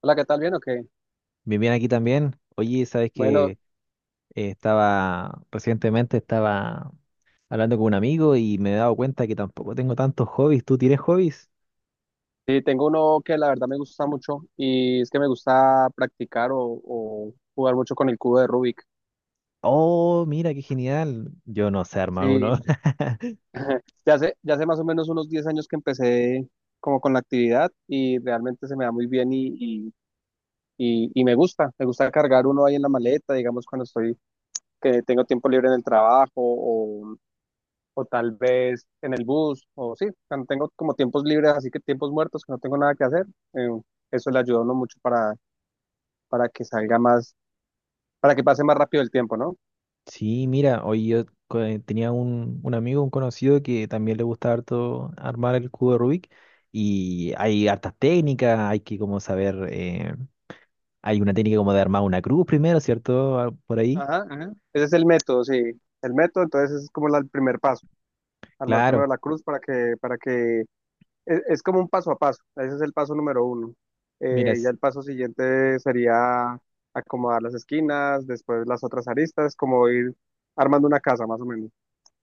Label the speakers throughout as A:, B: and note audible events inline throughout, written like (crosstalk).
A: Hola, ¿qué tal? ¿Bien o qué?
B: Bien, bien aquí también. Oye, sabes que
A: Bueno,
B: estaba recientemente estaba hablando con un amigo y me he dado cuenta que tampoco tengo tantos hobbies. ¿Tú tienes hobbies?
A: sí, tengo uno que la verdad me gusta mucho y es que me gusta practicar o jugar mucho con el cubo de Rubik.
B: Oh, mira, qué genial. Yo no sé armar uno.
A: Sí,
B: (laughs)
A: (laughs) ya hace más o menos unos 10 años que empecé como con la actividad y realmente se me da muy bien y me gusta. Me gusta cargar uno ahí en la maleta, digamos, cuando estoy, que tengo tiempo libre en el trabajo o tal vez en el bus o sí, cuando tengo como tiempos libres, así que tiempos muertos que no tengo nada que hacer. eh, Eso le ayuda a uno mucho para que salga más, para que pase más rápido el tiempo, ¿no?
B: Sí, mira, hoy yo tenía un amigo, un conocido que también le gusta harto armar el cubo de Rubik y hay hartas técnicas, hay que como saber, hay una técnica como de armar una cruz primero, ¿cierto? Ah, por ahí.
A: Ajá, ajá. Ese es el método, sí. El método, entonces ese es como el primer paso. Armar primero
B: Claro,
A: la cruz es como un paso a paso. Ese es el paso número uno.
B: mira,
A: Ya el paso siguiente sería acomodar las esquinas, después las otras aristas, como ir armando una casa, más o menos.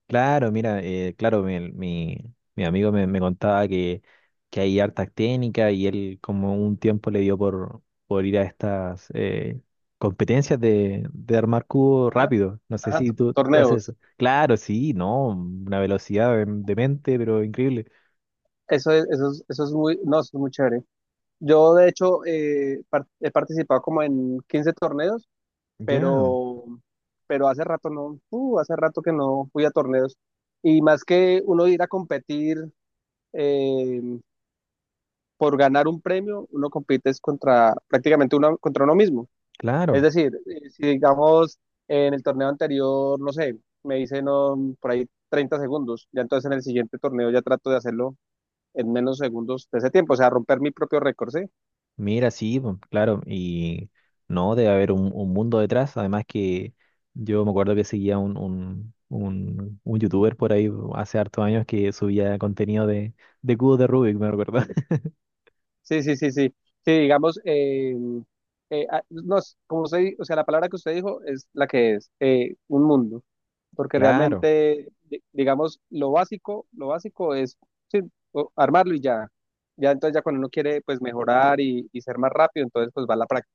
B: Claro, mira, claro, mi, mi amigo me contaba que hay hartas técnicas y él como un tiempo le dio por ir a estas competencias de armar cubo
A: Ajá,
B: rápido. No sé
A: ajá.
B: si tú haces
A: Torneos.
B: eso. Claro, sí, no, una velocidad de mente, pero increíble.
A: Eso es muy, no, eso es muy chévere. Yo, de hecho, he participado como en 15 torneos
B: Ya,
A: pero, pero hace rato no, hace rato que no fui a torneos. Y más que uno ir a competir eh, por ganar un premio, uno compite es contra prácticamente uno, contra uno mismo. Es
B: claro.
A: decir, si digamos en el torneo anterior, no sé, me hice no, por ahí 30 segundos, ya entonces en el siguiente torneo ya trato de hacerlo en menos segundos de ese tiempo, o sea, romper mi propio récord, ¿sí?
B: Mira, sí, po, claro, y no, debe haber un mundo detrás, además que yo me acuerdo que seguía un youtuber por ahí hace hartos años que subía contenido de cubos de Rubik, me recuerdo. (laughs)
A: Sí, sí, sí, sí. Sí, digamos, no, como usted, o sea, la palabra que usted dijo es la que es, un mundo, porque
B: Claro,
A: realmente, digamos, lo básico es sí, armarlo y ya. Ya entonces ya cuando uno quiere pues mejorar y ser más rápido, entonces pues va la práctica.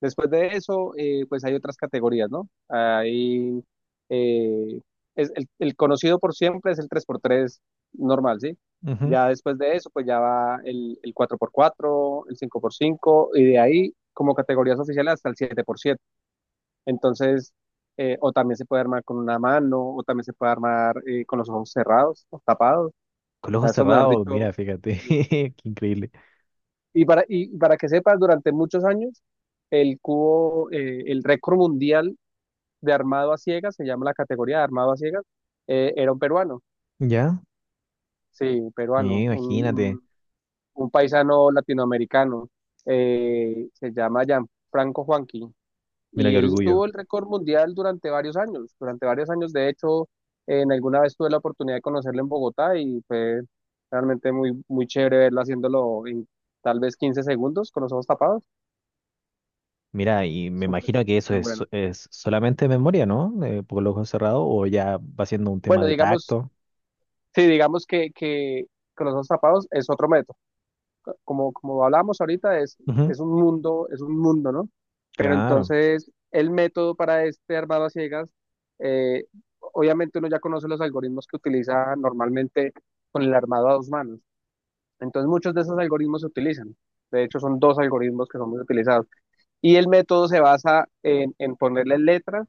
A: Después de eso, pues hay otras categorías, ¿no? Hay, eh, es el, conocido por siempre es el 3x3 normal, ¿sí?
B: ujú.
A: Ya después de eso, pues ya va el, 4x4, el 5x5 y de ahí, como categorías oficiales, hasta el 7x7. Entonces, o también se puede armar con una mano, o también se puede armar con los ojos cerrados, o tapados. O
B: Con los
A: sea,
B: ojos
A: eso, mejor
B: cerrados,
A: dicho.
B: mira, fíjate, (laughs)
A: eh,
B: qué increíble.
A: y, y para que sepas, durante muchos años, el cubo, el récord mundial de armado a ciegas, se llama la categoría de armado a ciegas, era un peruano,
B: ¿Ya?
A: sí,
B: Y
A: peruano,
B: imagínate,
A: un paisano latinoamericano, se llama Gianfranco Juanqui,
B: mira
A: y
B: qué
A: él
B: orgullo.
A: tuvo el récord mundial durante varios años, de hecho, en alguna vez tuve la oportunidad de conocerlo en Bogotá y fue realmente muy, muy chévere verlo haciéndolo en tal vez 15 segundos con los ojos tapados,
B: Mira, y me
A: súper,
B: imagino que eso
A: súper bueno.
B: es solamente memoria, ¿no? Con los ojos cerrados, o ya va siendo un tema
A: Bueno,
B: de
A: digamos,
B: tacto.
A: sí, digamos que con los ojos tapados es otro método como, como hablábamos ahorita, es,
B: Ujú,
A: es un mundo, es un mundo, ¿no? Pero
B: claro,
A: entonces el método para este armado a ciegas, eh, obviamente uno ya conoce los algoritmos que utiliza normalmente con el armado a dos manos. Entonces muchos de esos algoritmos se utilizan. De hecho, son dos algoritmos que son muy utilizados. Y el método se basa en, ponerle letras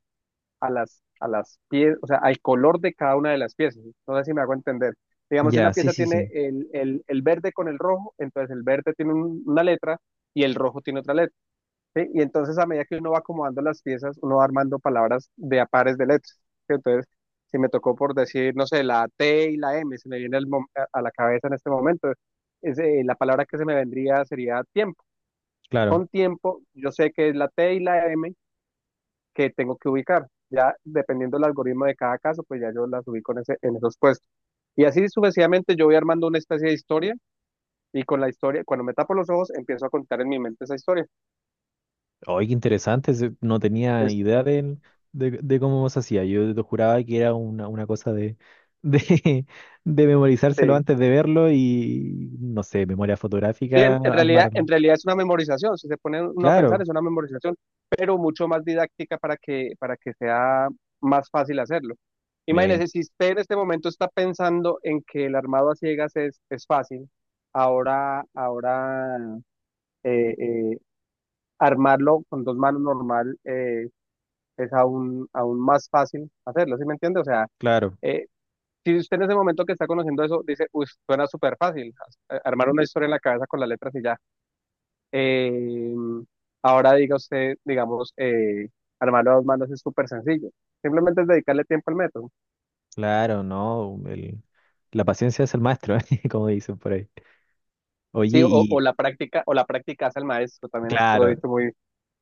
A: a las, piezas, o sea, al color de cada una de las piezas. No sé si me hago entender. Digamos, si una
B: ya, sí,
A: pieza
B: sí,
A: tiene
B: sí.
A: el verde con el rojo, entonces el verde tiene una letra y el rojo tiene otra letra, ¿sí? Y entonces a medida que uno va acomodando las piezas, uno va armando palabras de a pares de letras, ¿sí? Entonces, si me tocó por decir, no sé, la T y la M, se me viene a la cabeza en este momento, la palabra que se me vendría sería tiempo.
B: Claro.
A: Con tiempo, yo sé que es la T y la M, que tengo que ubicar. Ya dependiendo del algoritmo de cada caso, pues ya yo las ubico en, ese, en esos puestos. Y así sucesivamente yo voy armando una especie de historia y con la historia, cuando me tapo los ojos, empiezo a contar en mi mente esa historia.
B: Oye, qué interesante, ese, no tenía idea del, de cómo se hacía. Yo te juraba que era una cosa de, (laughs) de memorizárselo
A: Este,
B: antes de verlo y, no sé, memoria
A: bien,
B: fotográfica
A: en en realidad, en
B: armarlo.
A: realidad es una memorización, si se pone uno a pensar
B: Claro,
A: es una memorización, pero mucho más didáctica para que sea más fácil hacerlo.
B: miren,
A: Imagínese, si usted en este momento está pensando en que el armado a ciegas es fácil, ahora, ahora eh, eh, armarlo con dos manos normal, es aún, aún más fácil hacerlo, ¿sí me entiende? O sea,
B: claro,
A: eh, si usted en ese momento que está conociendo eso dice, uy, suena súper fácil, armar una historia en la cabeza con las letras y ya. Eh, Ahora diga usted, digamos, armarlo a dos manos es súper sencillo. Simplemente es dedicarle tiempo al método.
B: claro, ¿no? El, la paciencia es el maestro, (laughs) como dicen por ahí. Oye,
A: Sí, o, o
B: y
A: la práctica, o la práctica hace al maestro, también es otro
B: claro,
A: dicho muy,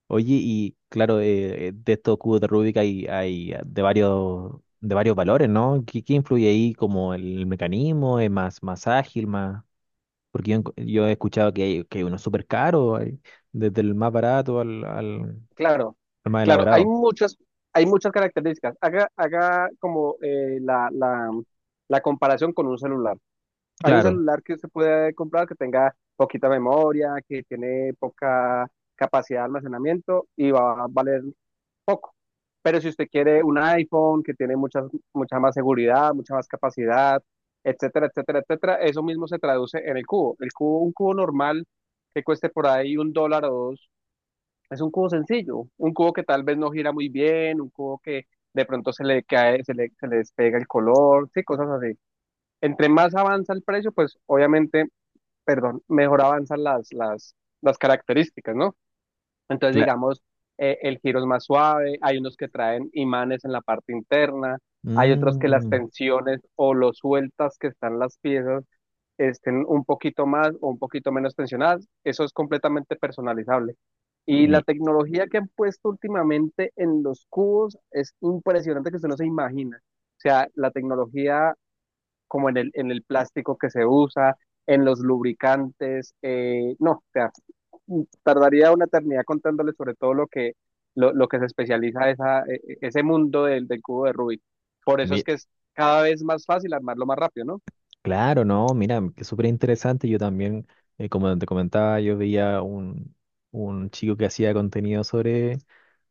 B: oye, y claro, de estos cubos de Rubik hay, hay de varios valores, ¿no? ¿Qué, qué influye ahí como el mecanismo? ¿Es más, más ágil, más... Porque yo, enco- yo he escuchado que hay uno súper caro, hay desde el más barato al,
A: Claro,
B: al más
A: claro, hay
B: elaborado.
A: muchas, hay muchas características. Haga como la comparación con un celular. Hay un
B: Claro,
A: celular que se puede comprar que tenga poquita memoria, que tiene poca capacidad de almacenamiento y va a valer poco. Pero si usted quiere un iPhone que tiene mucha, mucha más seguridad, mucha más capacidad, etcétera, etcétera, etcétera, eso mismo se traduce en el cubo. El cubo, un cubo normal que cueste por ahí $1 o dos, es un cubo sencillo, un cubo que tal vez no gira muy bien, un cubo que de pronto se le cae, se le despega el color, sí, cosas así. Entre más avanza el precio, pues obviamente, perdón, mejor avanzan las, las características, ¿no? Entonces,
B: claro.
A: digamos, el giro es más suave, hay unos que traen imanes en la parte interna, hay otros que las tensiones o lo sueltas que están las piezas estén un poquito más o un poquito menos tensionadas. Eso es completamente personalizable. Y la tecnología que han puesto últimamente en los cubos es impresionante que usted no se imagina. O sea, la tecnología como en el, plástico que se usa, en los lubricantes, no, o sea, tardaría una eternidad contándole sobre todo lo que se especializa ese mundo del cubo de Rubik. Por eso es que es cada vez más fácil armarlo más rápido, ¿no?
B: Claro, no, mira, que súper interesante. Yo también, como te comentaba, yo veía un chico que hacía contenido sobre,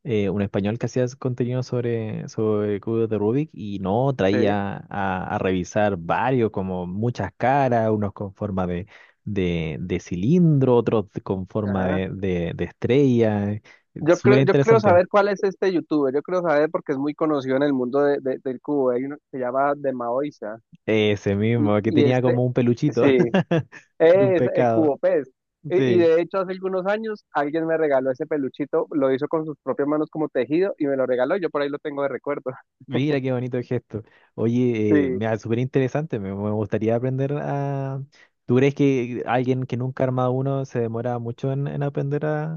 B: un español que hacía contenido sobre, sobre cubos de Rubik y no
A: Sí.
B: traía a revisar varios, como muchas caras, unos con forma de cilindro, otros con forma
A: Ajá.
B: de estrella.
A: Yo
B: Súper
A: creo, yo creo
B: interesante.
A: saber cuál es este youtuber, yo creo saber porque es muy conocido en el mundo del cubo, hay uno que se llama The Maoisa,
B: Ese
A: y,
B: mismo, que
A: y
B: tenía
A: este,
B: como un peluchito
A: sí,
B: (laughs) de un
A: es el
B: pecado.
A: cubo pez, y
B: Sí.
A: de hecho hace algunos años alguien me regaló ese peluchito, lo hizo con sus propias manos como tejido, y me lo regaló, y yo por ahí lo tengo de recuerdo,
B: Mira qué bonito gesto.
A: (laughs)
B: Oye,
A: sí.
B: mira, súper interesante. Me gustaría aprender a. ¿Tú crees que alguien que nunca ha armado uno se demora mucho en aprender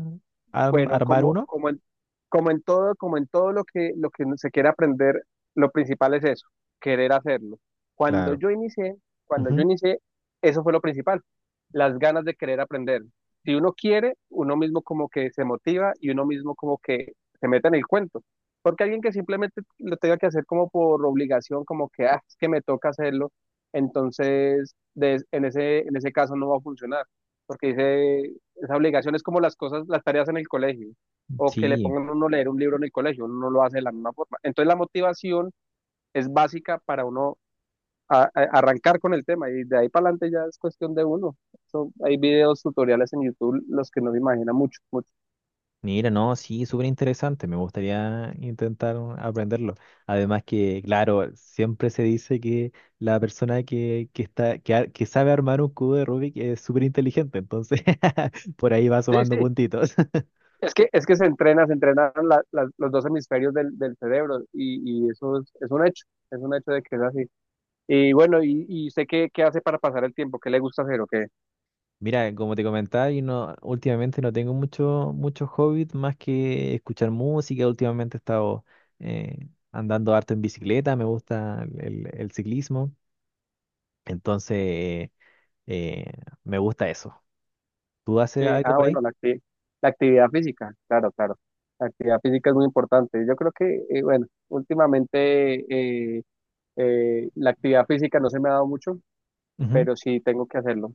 B: a
A: Bueno,
B: armar
A: como,
B: uno?
A: como en, como en todo lo que se quiere aprender, lo principal es eso, querer hacerlo. Cuando
B: Claro.
A: yo inicié, cuando yo
B: Ujú.
A: inicié, eso fue lo principal, las ganas de querer aprender. Si uno quiere, uno mismo como que se motiva y uno mismo como que se mete en el cuento. Porque alguien que simplemente lo tenga que hacer como por obligación, como que, ah, es que me toca hacerlo, entonces en ese, caso no va a funcionar. Porque dice, esa obligación es como las cosas, las tareas en el colegio, o que le
B: Sí,
A: pongan a uno a leer un libro en el colegio, uno no lo hace de la misma forma. Entonces la motivación es básica para uno arrancar con el tema y de ahí para adelante ya es cuestión de uno. Hay videos, tutoriales en YouTube, los que no se imaginan mucho, mucho.
B: mira, no, sí, súper interesante. Me gustaría intentar aprenderlo. Además que, claro, siempre se dice que la persona que está, que, que sabe armar un cubo de Rubik es súper inteligente. Entonces, (laughs) por ahí va
A: Sí,
B: sumando
A: sí,
B: puntitos.
A: es que se entrena, se entrenan los dos hemisferios del cerebro y eso es un hecho, es un hecho de que es así. Y bueno, y usted qué hace para pasar el tiempo, qué le gusta hacer o qué.
B: Mira, como te comentaba, yo no, últimamente no tengo mucho, muchos hobbies más que escuchar música. Últimamente he estado andando harto en bicicleta, me gusta el ciclismo, entonces eh, me gusta eso. ¿Tú haces
A: Sí,
B: algo
A: ah,
B: por ahí?
A: bueno, la actividad física, claro, claro. La actividad física es muy importante. Yo creo que, bueno, últimamente eh, la actividad física no se me ha dado mucho,
B: Ujú.
A: pero sí tengo que hacerlo.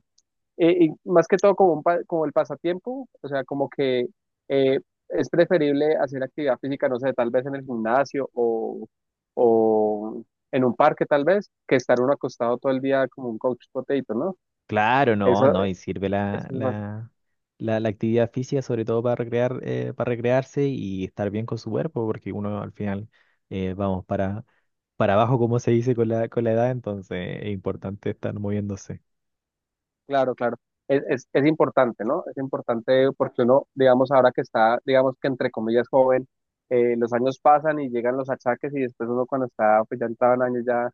A: Y más que todo como el pasatiempo, o sea, como que eh, es preferible hacer actividad física, no sé, tal vez en el gimnasio o en un parque tal vez, que estar uno acostado todo el día como un couch potato, ¿no?
B: Claro,
A: Eso,
B: no, no, y sirve
A: eso es.
B: la actividad física sobre todo para recrear, para recrearse y estar bien con su cuerpo, porque uno al final vamos para abajo, como se dice con la edad, entonces es importante estar moviéndose.
A: Claro, claro. Es importante, ¿no? Es importante porque uno, digamos, ahora que está, digamos que entre comillas joven, los años pasan y llegan los achaques y después uno cuando está, pues ya entrado en años ya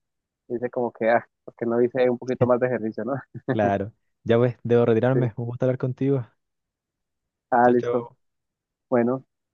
A: dice como que, ah, ¿por qué no hice un poquito más de ejercicio, ¿no? (laughs)
B: Claro. Ya pues, debo
A: Sí.
B: retirarme. Un gusto hablar contigo.
A: Ah,
B: Chao,
A: listo.
B: chao.
A: Bueno.